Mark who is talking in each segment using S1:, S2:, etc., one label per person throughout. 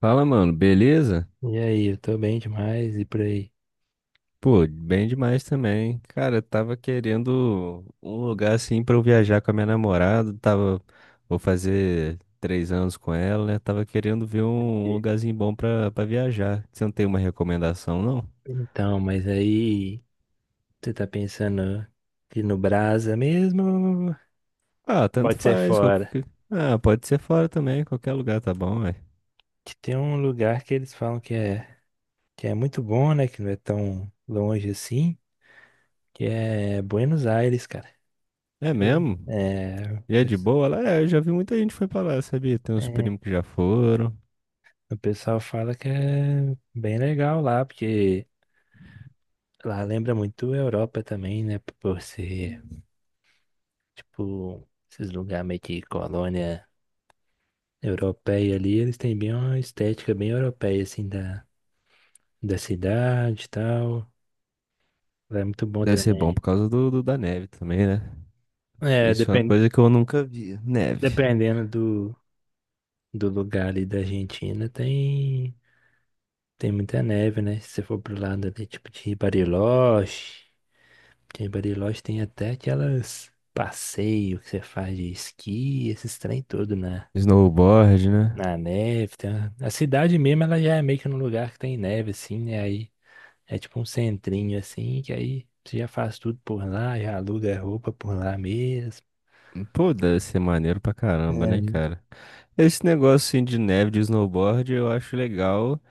S1: Fala, mano, beleza?
S2: E aí, eu tô bem demais e por aí.
S1: Pô, bem demais também. Cara, eu tava querendo um lugar assim pra eu viajar com a minha namorada. Vou fazer 3 anos com ela, né? Tava querendo ver um
S2: E-
S1: lugarzinho bom pra viajar. Você não tem uma recomendação, não?
S2: Então, mas aí você tá pensando que no Brasa mesmo
S1: Ah, tanto
S2: pode ser
S1: faz.
S2: fora.
S1: Qualquer. Ah, pode ser fora também, qualquer lugar tá bom, ué.
S2: Que tem um lugar que eles falam que é muito bom, né? Que não é tão longe assim, que é Buenos Aires, cara.
S1: É
S2: Eu-
S1: mesmo?
S2: É, o
S1: E é de
S2: pes-
S1: boa? Lá, é, eu já vi muita gente que foi pra lá, sabia? Tem uns
S2: é,
S1: primos que já foram.
S2: o pessoal fala que é bem legal lá, porque lá lembra muito a Europa também, né? Por ser, tipo, esses lugares meio que colônia europeia ali. Eles têm bem uma estética bem europeia, assim, da cidade e tal. É muito bom
S1: Deve ser bom por
S2: também.
S1: causa da neve também, né?
S2: É,
S1: Isso é uma
S2: depen-
S1: coisa que eu nunca vi. Neve.
S2: Dependendo do lugar ali da Argentina, tem muita neve, né? Se você for pro lado ali, tipo de Bariloche, em Bariloche tem até aquelas passeio que você faz de esqui, esses trem todo na,
S1: Snowboard, né?
S2: na neve. A cidade mesmo, ela já é meio que num lugar que tem neve, assim, né? Aí é tipo um centrinho assim, que aí você já faz tudo por lá, já aluga roupa por lá mesmo.
S1: Pô, deve ser maneiro pra caramba, né,
S2: É.
S1: cara? Esse negócio assim, de neve, de snowboard, eu acho legal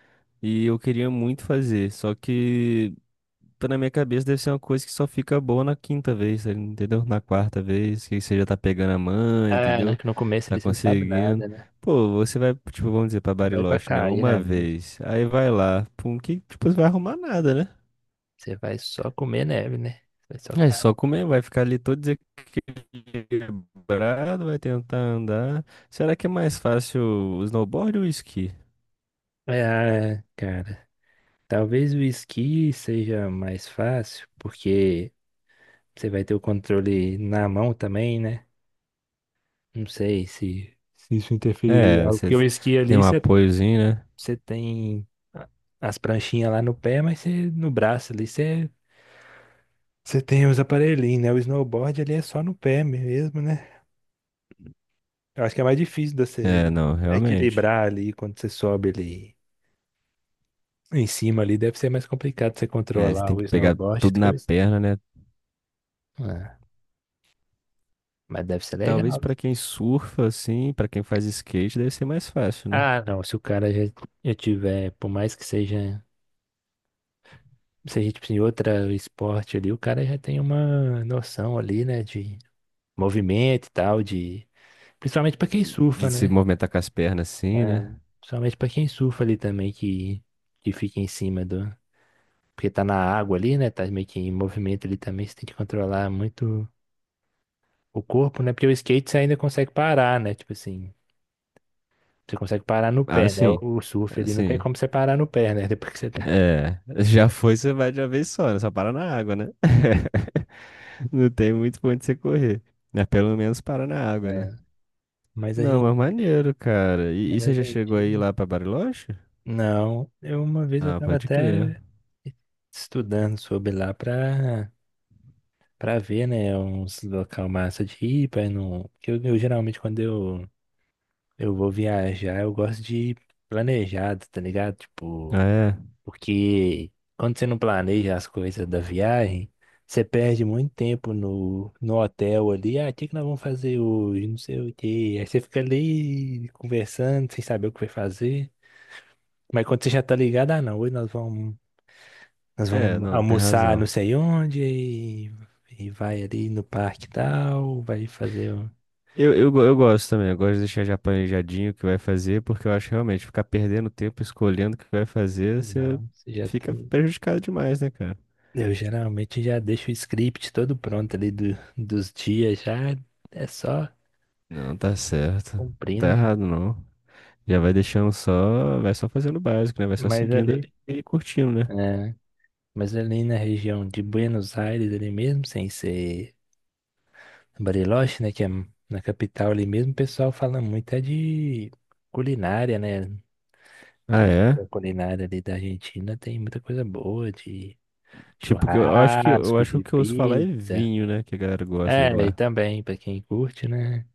S1: e eu queria muito fazer. Só que, tá na minha cabeça, deve ser uma coisa que só fica boa na quinta vez, sabe? Entendeu? Na quarta vez, que você já tá pegando a mãe,
S2: Ah, né?
S1: entendeu?
S2: Que no começo
S1: Tá
S2: ali você não sabe
S1: conseguindo.
S2: nada, né?
S1: Pô, você vai, tipo, vamos dizer, pra
S2: Você vai pra
S1: Bariloche, né?
S2: cair
S1: Uma
S2: na neve.
S1: vez. Aí vai lá. Pum, que, tipo, você vai arrumar nada, né?
S2: Você vai só comer neve, né? Você vai só
S1: É só
S2: cair.
S1: comer, vai ficar ali todo quebrado, vai tentar andar. Será que é mais fácil o snowboard ou o esqui?
S2: É, cara. Talvez o esqui seja mais fácil, porque você vai ter o controle na mão também, né? Não sei se isso interferiria em
S1: É,
S2: algo.
S1: você
S2: Porque o esqui
S1: tem
S2: ali
S1: um
S2: você,
S1: apoiozinho,
S2: você tem a- as pranchinhas lá no pé, mas você, no braço ali você. Você tem os aparelhinhos, né? O snowboard ali é só no pé mesmo, né? Eu acho que é mais difícil de
S1: né? É,
S2: você
S1: não, realmente.
S2: equilibrar ali quando você sobe ali em cima ali. Deve ser mais complicado você
S1: É, você
S2: controlar
S1: tem
S2: o
S1: que pegar
S2: snowboard do
S1: tudo
S2: que o...
S1: na
S2: s-
S1: perna, né?
S2: Ah, mas deve ser
S1: Talvez
S2: legal, né?
S1: pra quem surfa assim, pra quem faz skate, deve ser mais fácil, né?
S2: Ah, não. Se o cara já, já tiver, por mais que seja, tipo assim, outro esporte ali, o cara já tem uma noção ali, né? De movimento e tal, de... Principalmente pra quem
S1: De
S2: surfa,
S1: se
S2: né?
S1: movimentar com as pernas assim,
S2: É,
S1: né?
S2: principalmente pra quem surfa ali também, que fica em cima do. Porque tá na água ali, né? Tá meio que em movimento ali também. Você tem que controlar muito o corpo, né? Porque o skate você ainda consegue parar, né? Tipo assim, você consegue parar no
S1: Ah,
S2: pé, né?
S1: sim.
S2: O surf ali não tem
S1: Assim,
S2: como você parar no pé, né? Depois que você tá.
S1: é, já foi, você vai de uma vez só, né? Só para na água, né? Não tem muito pra onde você correr, né? Pelo menos para na água, né?
S2: É. Mas a
S1: Não,
S2: gente.
S1: é maneiro, cara. E,
S2: Mas
S1: e
S2: a
S1: você já
S2: gente.
S1: chegou aí lá pra Bariloche?
S2: Não, eu uma vez eu
S1: Ah,
S2: tava
S1: pode crer.
S2: até estudando sobre lá pra, pra ver, né? Uns local massa de ir, pra não. Porque eu geralmente quando eu vou viajar, eu gosto de planejar, tá ligado? Tipo.
S1: Ah, é?
S2: Porque quando você não planeja as coisas da viagem, você perde muito tempo no hotel ali. Ah, o que que nós vamos fazer hoje? Não sei o quê. Aí você fica ali conversando, sem saber o que vai fazer. Mas quando você já tá ligado, ah, não, hoje nós vamos, nós
S1: É,
S2: vamos
S1: não, tem
S2: almoçar não
S1: razão.
S2: sei onde e vai ali no parque e tal, vai fazer.
S1: Eu gosto também, eu gosto de deixar já planejadinho o que vai fazer, porque eu acho que realmente ficar perdendo tempo escolhendo o que vai fazer, você
S2: Não, você já
S1: fica
S2: tem.
S1: prejudicado demais, né, cara?
S2: Eu geralmente já deixo o script todo pronto ali dos dias, já é só
S1: Não, tá certo. Tá
S2: cumprindo.
S1: errado, não. Já vai deixando só, vai só fazendo o básico, né? Vai só
S2: Mas
S1: seguindo
S2: ali,
S1: ali e curtindo, né?
S2: é, mas ali na região de Buenos Aires, ali mesmo, sem ser Bariloche, né, que é na capital ali mesmo, o pessoal fala muito é de culinária, né?
S1: Ah,
S2: Que
S1: é?
S2: a culinária ali da Argentina tem muita coisa boa, de
S1: Tipo, que eu eu acho que eu
S2: churrasco,
S1: acho que o
S2: de
S1: que eu ouço falar é
S2: pizza.
S1: vinho, né? Que a galera gosta de
S2: É, e
S1: lá.
S2: também, pra quem curte, né?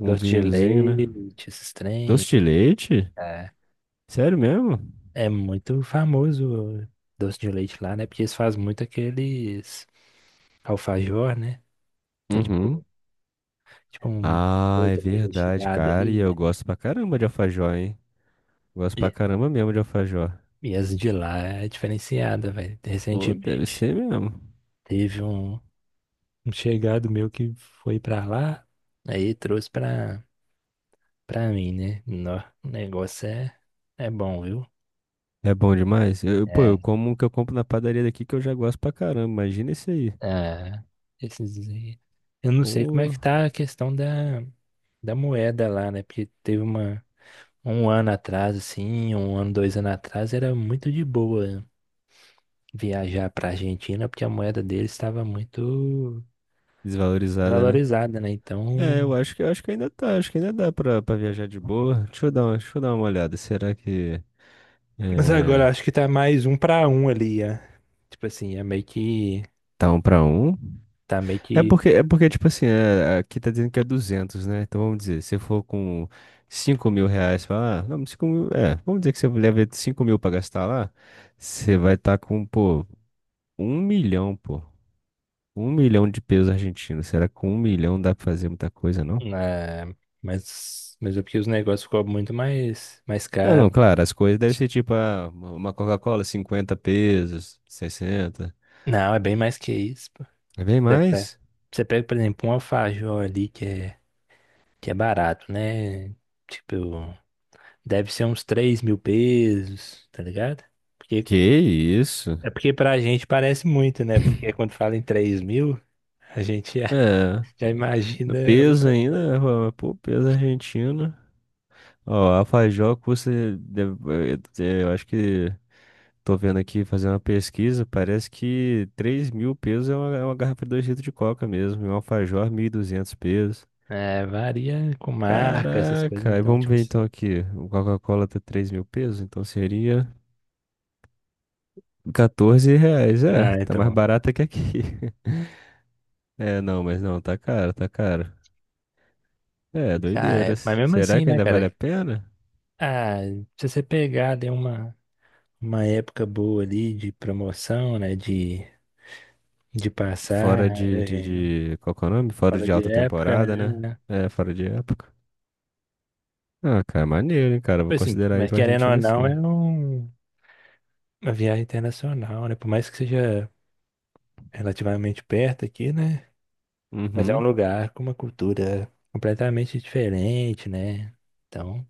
S1: Um
S2: Doce de
S1: vinhozinho, né?
S2: leite, esses
S1: Doce
S2: trem.
S1: de leite?
S2: É,
S1: Sério mesmo?
S2: é muito famoso o doce de leite lá, né? Porque eles fazem muito aqueles alfajor, né? É tipo,
S1: Uhum.
S2: tipo um
S1: Ah, é
S2: oito meio
S1: verdade,
S2: recheado
S1: cara.
S2: ali,
S1: E eu
S2: né?
S1: gosto pra caramba de alfajor, hein? Gosto pra
S2: E,
S1: caramba mesmo de alfajor.
S2: e as de lá é diferenciada, velho.
S1: Pô, deve
S2: Recentemente
S1: ser mesmo.
S2: teve um, um chegado meu que foi pra lá, aí trouxe pra mim, né? Nó, o negócio é, é bom, viu?
S1: É bom demais. Pô, eu
S2: É.
S1: como o que eu compro na padaria daqui que eu já gosto pra caramba. Imagina esse aí.
S2: Ah, esses aí. Eu não sei como é
S1: Pô,
S2: que tá a questão da moeda lá, né? Porque teve uma. Um ano atrás, assim, um ano, 2 anos atrás, era muito de boa viajar para a Argentina porque a moeda deles estava muito
S1: desvalorizada, né?
S2: desvalorizada, né?
S1: É, eu
S2: Então,
S1: acho que eu acho que ainda tá, acho que ainda dá pra viajar de boa. Deixa eu dar uma olhada. Será que
S2: mas
S1: é,
S2: agora acho que tá mais um para um ali, é. Tipo assim, é meio que
S1: tá um pra um?
S2: tá meio
S1: É
S2: que
S1: porque, é porque, tipo assim, aqui tá dizendo que é 200, né? Então vamos dizer, se for com 5.000 reais, fala, ah, não, 5 mil, é, vamos dizer que você leva 5.000 pra gastar lá, você vai estar com, pô, 1 milhão, pô, um milhão de pesos argentinos. Será que com 1 milhão dá pra fazer muita coisa, não?
S2: né, mas é porque os negócios ficou muito mais
S1: Não, não,
S2: caro.
S1: claro, as coisas devem ser tipo ah, uma Coca-Cola, 50 pesos, 60.
S2: Não, é bem mais que isso, pô.
S1: É bem
S2: Você pega,
S1: mais.
S2: você pega, por exemplo, um alfajor ali que é barato, né? Tipo, deve ser uns 3.000 pesos, tá ligado? Porque
S1: Que isso?
S2: é porque pra gente parece muito, né? Porque quando fala em 3.000, a gente já,
S1: É,
S2: já
S1: no
S2: imagina
S1: peso
S2: outra coisa.
S1: ainda, pô, peso argentino. Ó, a Fajó custa, deve- eu acho que tô vendo aqui, fazendo uma pesquisa, parece que 3.000 pesos é uma garrafa de 2 litros de coca mesmo, e um alfajor 1.200 pesos.
S2: É, varia com marca, essas coisas.
S1: Caraca, aí
S2: Então,
S1: vamos
S2: tipo
S1: ver
S2: assim.
S1: então aqui, o Coca-Cola tá 3.000 pesos, então seria R$ 14, é,
S2: Ah,
S1: tá mais
S2: então.
S1: barata que aqui. É, não, mas não, tá caro, tá caro. É,
S2: Ah, é, mas
S1: doideiras.
S2: mesmo
S1: Será
S2: assim,
S1: que
S2: né,
S1: ainda vale a
S2: cara?
S1: pena?
S2: Ah, se você pegar, deu uma época boa ali de promoção, né? De
S1: Fora
S2: passar
S1: de,
S2: é,
S1: qual que é o nome? Fora
S2: fora
S1: de
S2: de
S1: alta
S2: época,
S1: temporada, né?
S2: né?
S1: É, fora de época. Ah, cara, maneiro, hein, cara.
S2: Tipo
S1: Vou
S2: assim,
S1: considerar aí
S2: mas
S1: pra
S2: querendo ou
S1: Argentina
S2: não, é
S1: sim.
S2: um, uma viagem internacional, né? Por mais que seja relativamente perto aqui, né? Mas é um
S1: Uhum.
S2: lugar com uma cultura completamente diferente, né? Então,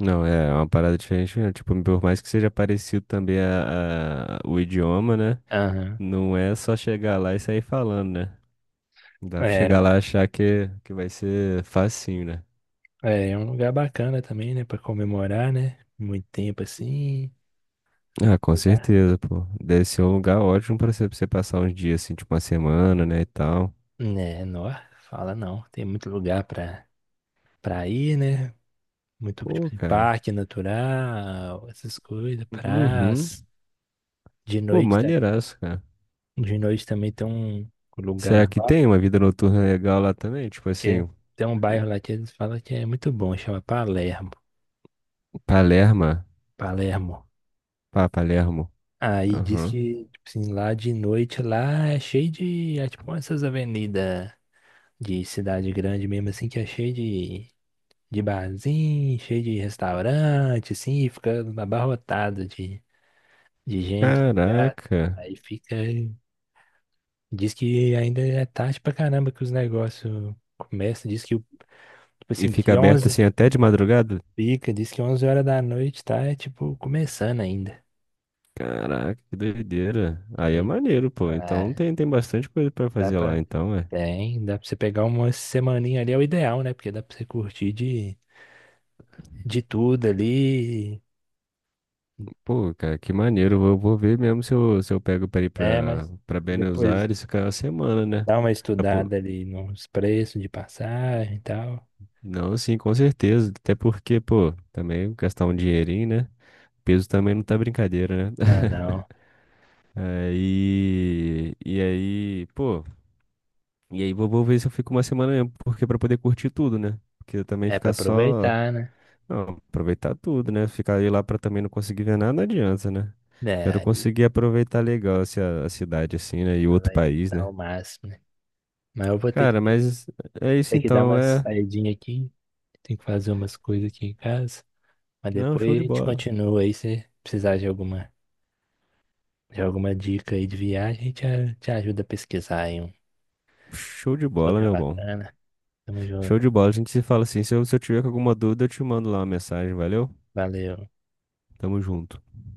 S1: Não, é uma parada diferente, né? Tipo, por mais que seja parecido também a, o idioma, né?
S2: aham.
S1: Não é só chegar lá e sair falando, né? Dá pra
S2: É,
S1: chegar lá e achar que vai ser facinho, né?
S2: é, é um lugar bacana também, né? Pra comemorar, né? Muito tempo assim.
S1: Ah, com
S2: Lugar.
S1: certeza, pô. Deve ser um lugar ótimo pra você passar uns dias, assim, tipo uma semana, né, e tal.
S2: Né, não, fala não. Tem muito lugar pra, pra ir, né? Muito tipo
S1: Pô,
S2: de
S1: cara.
S2: parque natural, essas coisas,
S1: Uhum.
S2: praça. De
S1: Pô,
S2: noite, tam-
S1: maneiraço, cara.
S2: de noite também tem um
S1: Será
S2: lugar
S1: que
S2: lá,
S1: tem uma vida noturna legal lá também? Tipo
S2: que
S1: assim,
S2: tem um bairro lá que eles falam que é muito bom, chama Palermo.
S1: Palermo.
S2: Palermo.
S1: Pá, Palermo.
S2: Aí diz
S1: Aham.
S2: que, tipo assim, lá de noite lá é cheio de, é tipo essas avenidas de cidade grande mesmo, assim, que é cheio de barzinho, cheio de restaurante, assim, e fica abarrotado de gente, tá ligado?
S1: Caraca.
S2: Aí fica, diz que ainda é tarde pra caramba que os negócios começam, diz que, tipo
S1: E
S2: assim,
S1: fica
S2: que
S1: aberto
S2: 11
S1: assim até de madrugada?
S2: fica, diz que 11 horas da noite tá, é, tipo, começando ainda.
S1: Caraca, que doideira. Aí é
S2: É,
S1: maneiro, pô. Então
S2: ah,
S1: tem bastante coisa pra
S2: dá
S1: fazer lá,
S2: pra
S1: então, é.
S2: tem, dá pra você pegar uma semaninha ali, é o ideal, né? Porque dá pra você curtir de tudo ali,
S1: Pô, cara, que maneiro. Eu vou ver mesmo se eu pego pra ir
S2: né? Mas
S1: pra Buenos
S2: depois
S1: Aires ficar uma semana, né?
S2: dá uma
S1: Pra po-
S2: estudada ali nos preços de passagem e tal.
S1: Não, sim, com certeza. Até porque, pô, também gastar um dinheirinho, né? Peso também não tá brincadeira, né?
S2: Ah, não.
S1: Aí. E aí, pô. E aí vou ver se eu fico uma semana mesmo, porque pra poder curtir tudo, né? Porque também
S2: É pra
S1: ficar só.
S2: aproveitar, né?
S1: Não, aproveitar tudo, né? Ficar aí lá pra também não conseguir ver nada, não adianta, né?
S2: É,
S1: Quero
S2: aí
S1: conseguir aproveitar legal assim, a cidade, assim, né? E outro
S2: aproveitar
S1: país, né?
S2: ao máximo, né? Mas eu vou
S1: Cara, mas é isso
S2: ter que dar
S1: então,
S2: uma
S1: é.
S2: saidinha aqui. Tem que fazer umas coisas aqui em casa. Mas
S1: Não,
S2: depois
S1: show de
S2: a gente
S1: bola.
S2: continua aí. Se precisar de alguma dica aí de viagem, a gente te ajuda a pesquisar aí um
S1: Show de bola,
S2: lugar
S1: meu bom.
S2: bacana. Tamo
S1: Show
S2: junto.
S1: de bola. A gente se fala assim. Se eu tiver com alguma dúvida, eu te mando lá uma mensagem, valeu?
S2: Valeu.
S1: Tamo junto.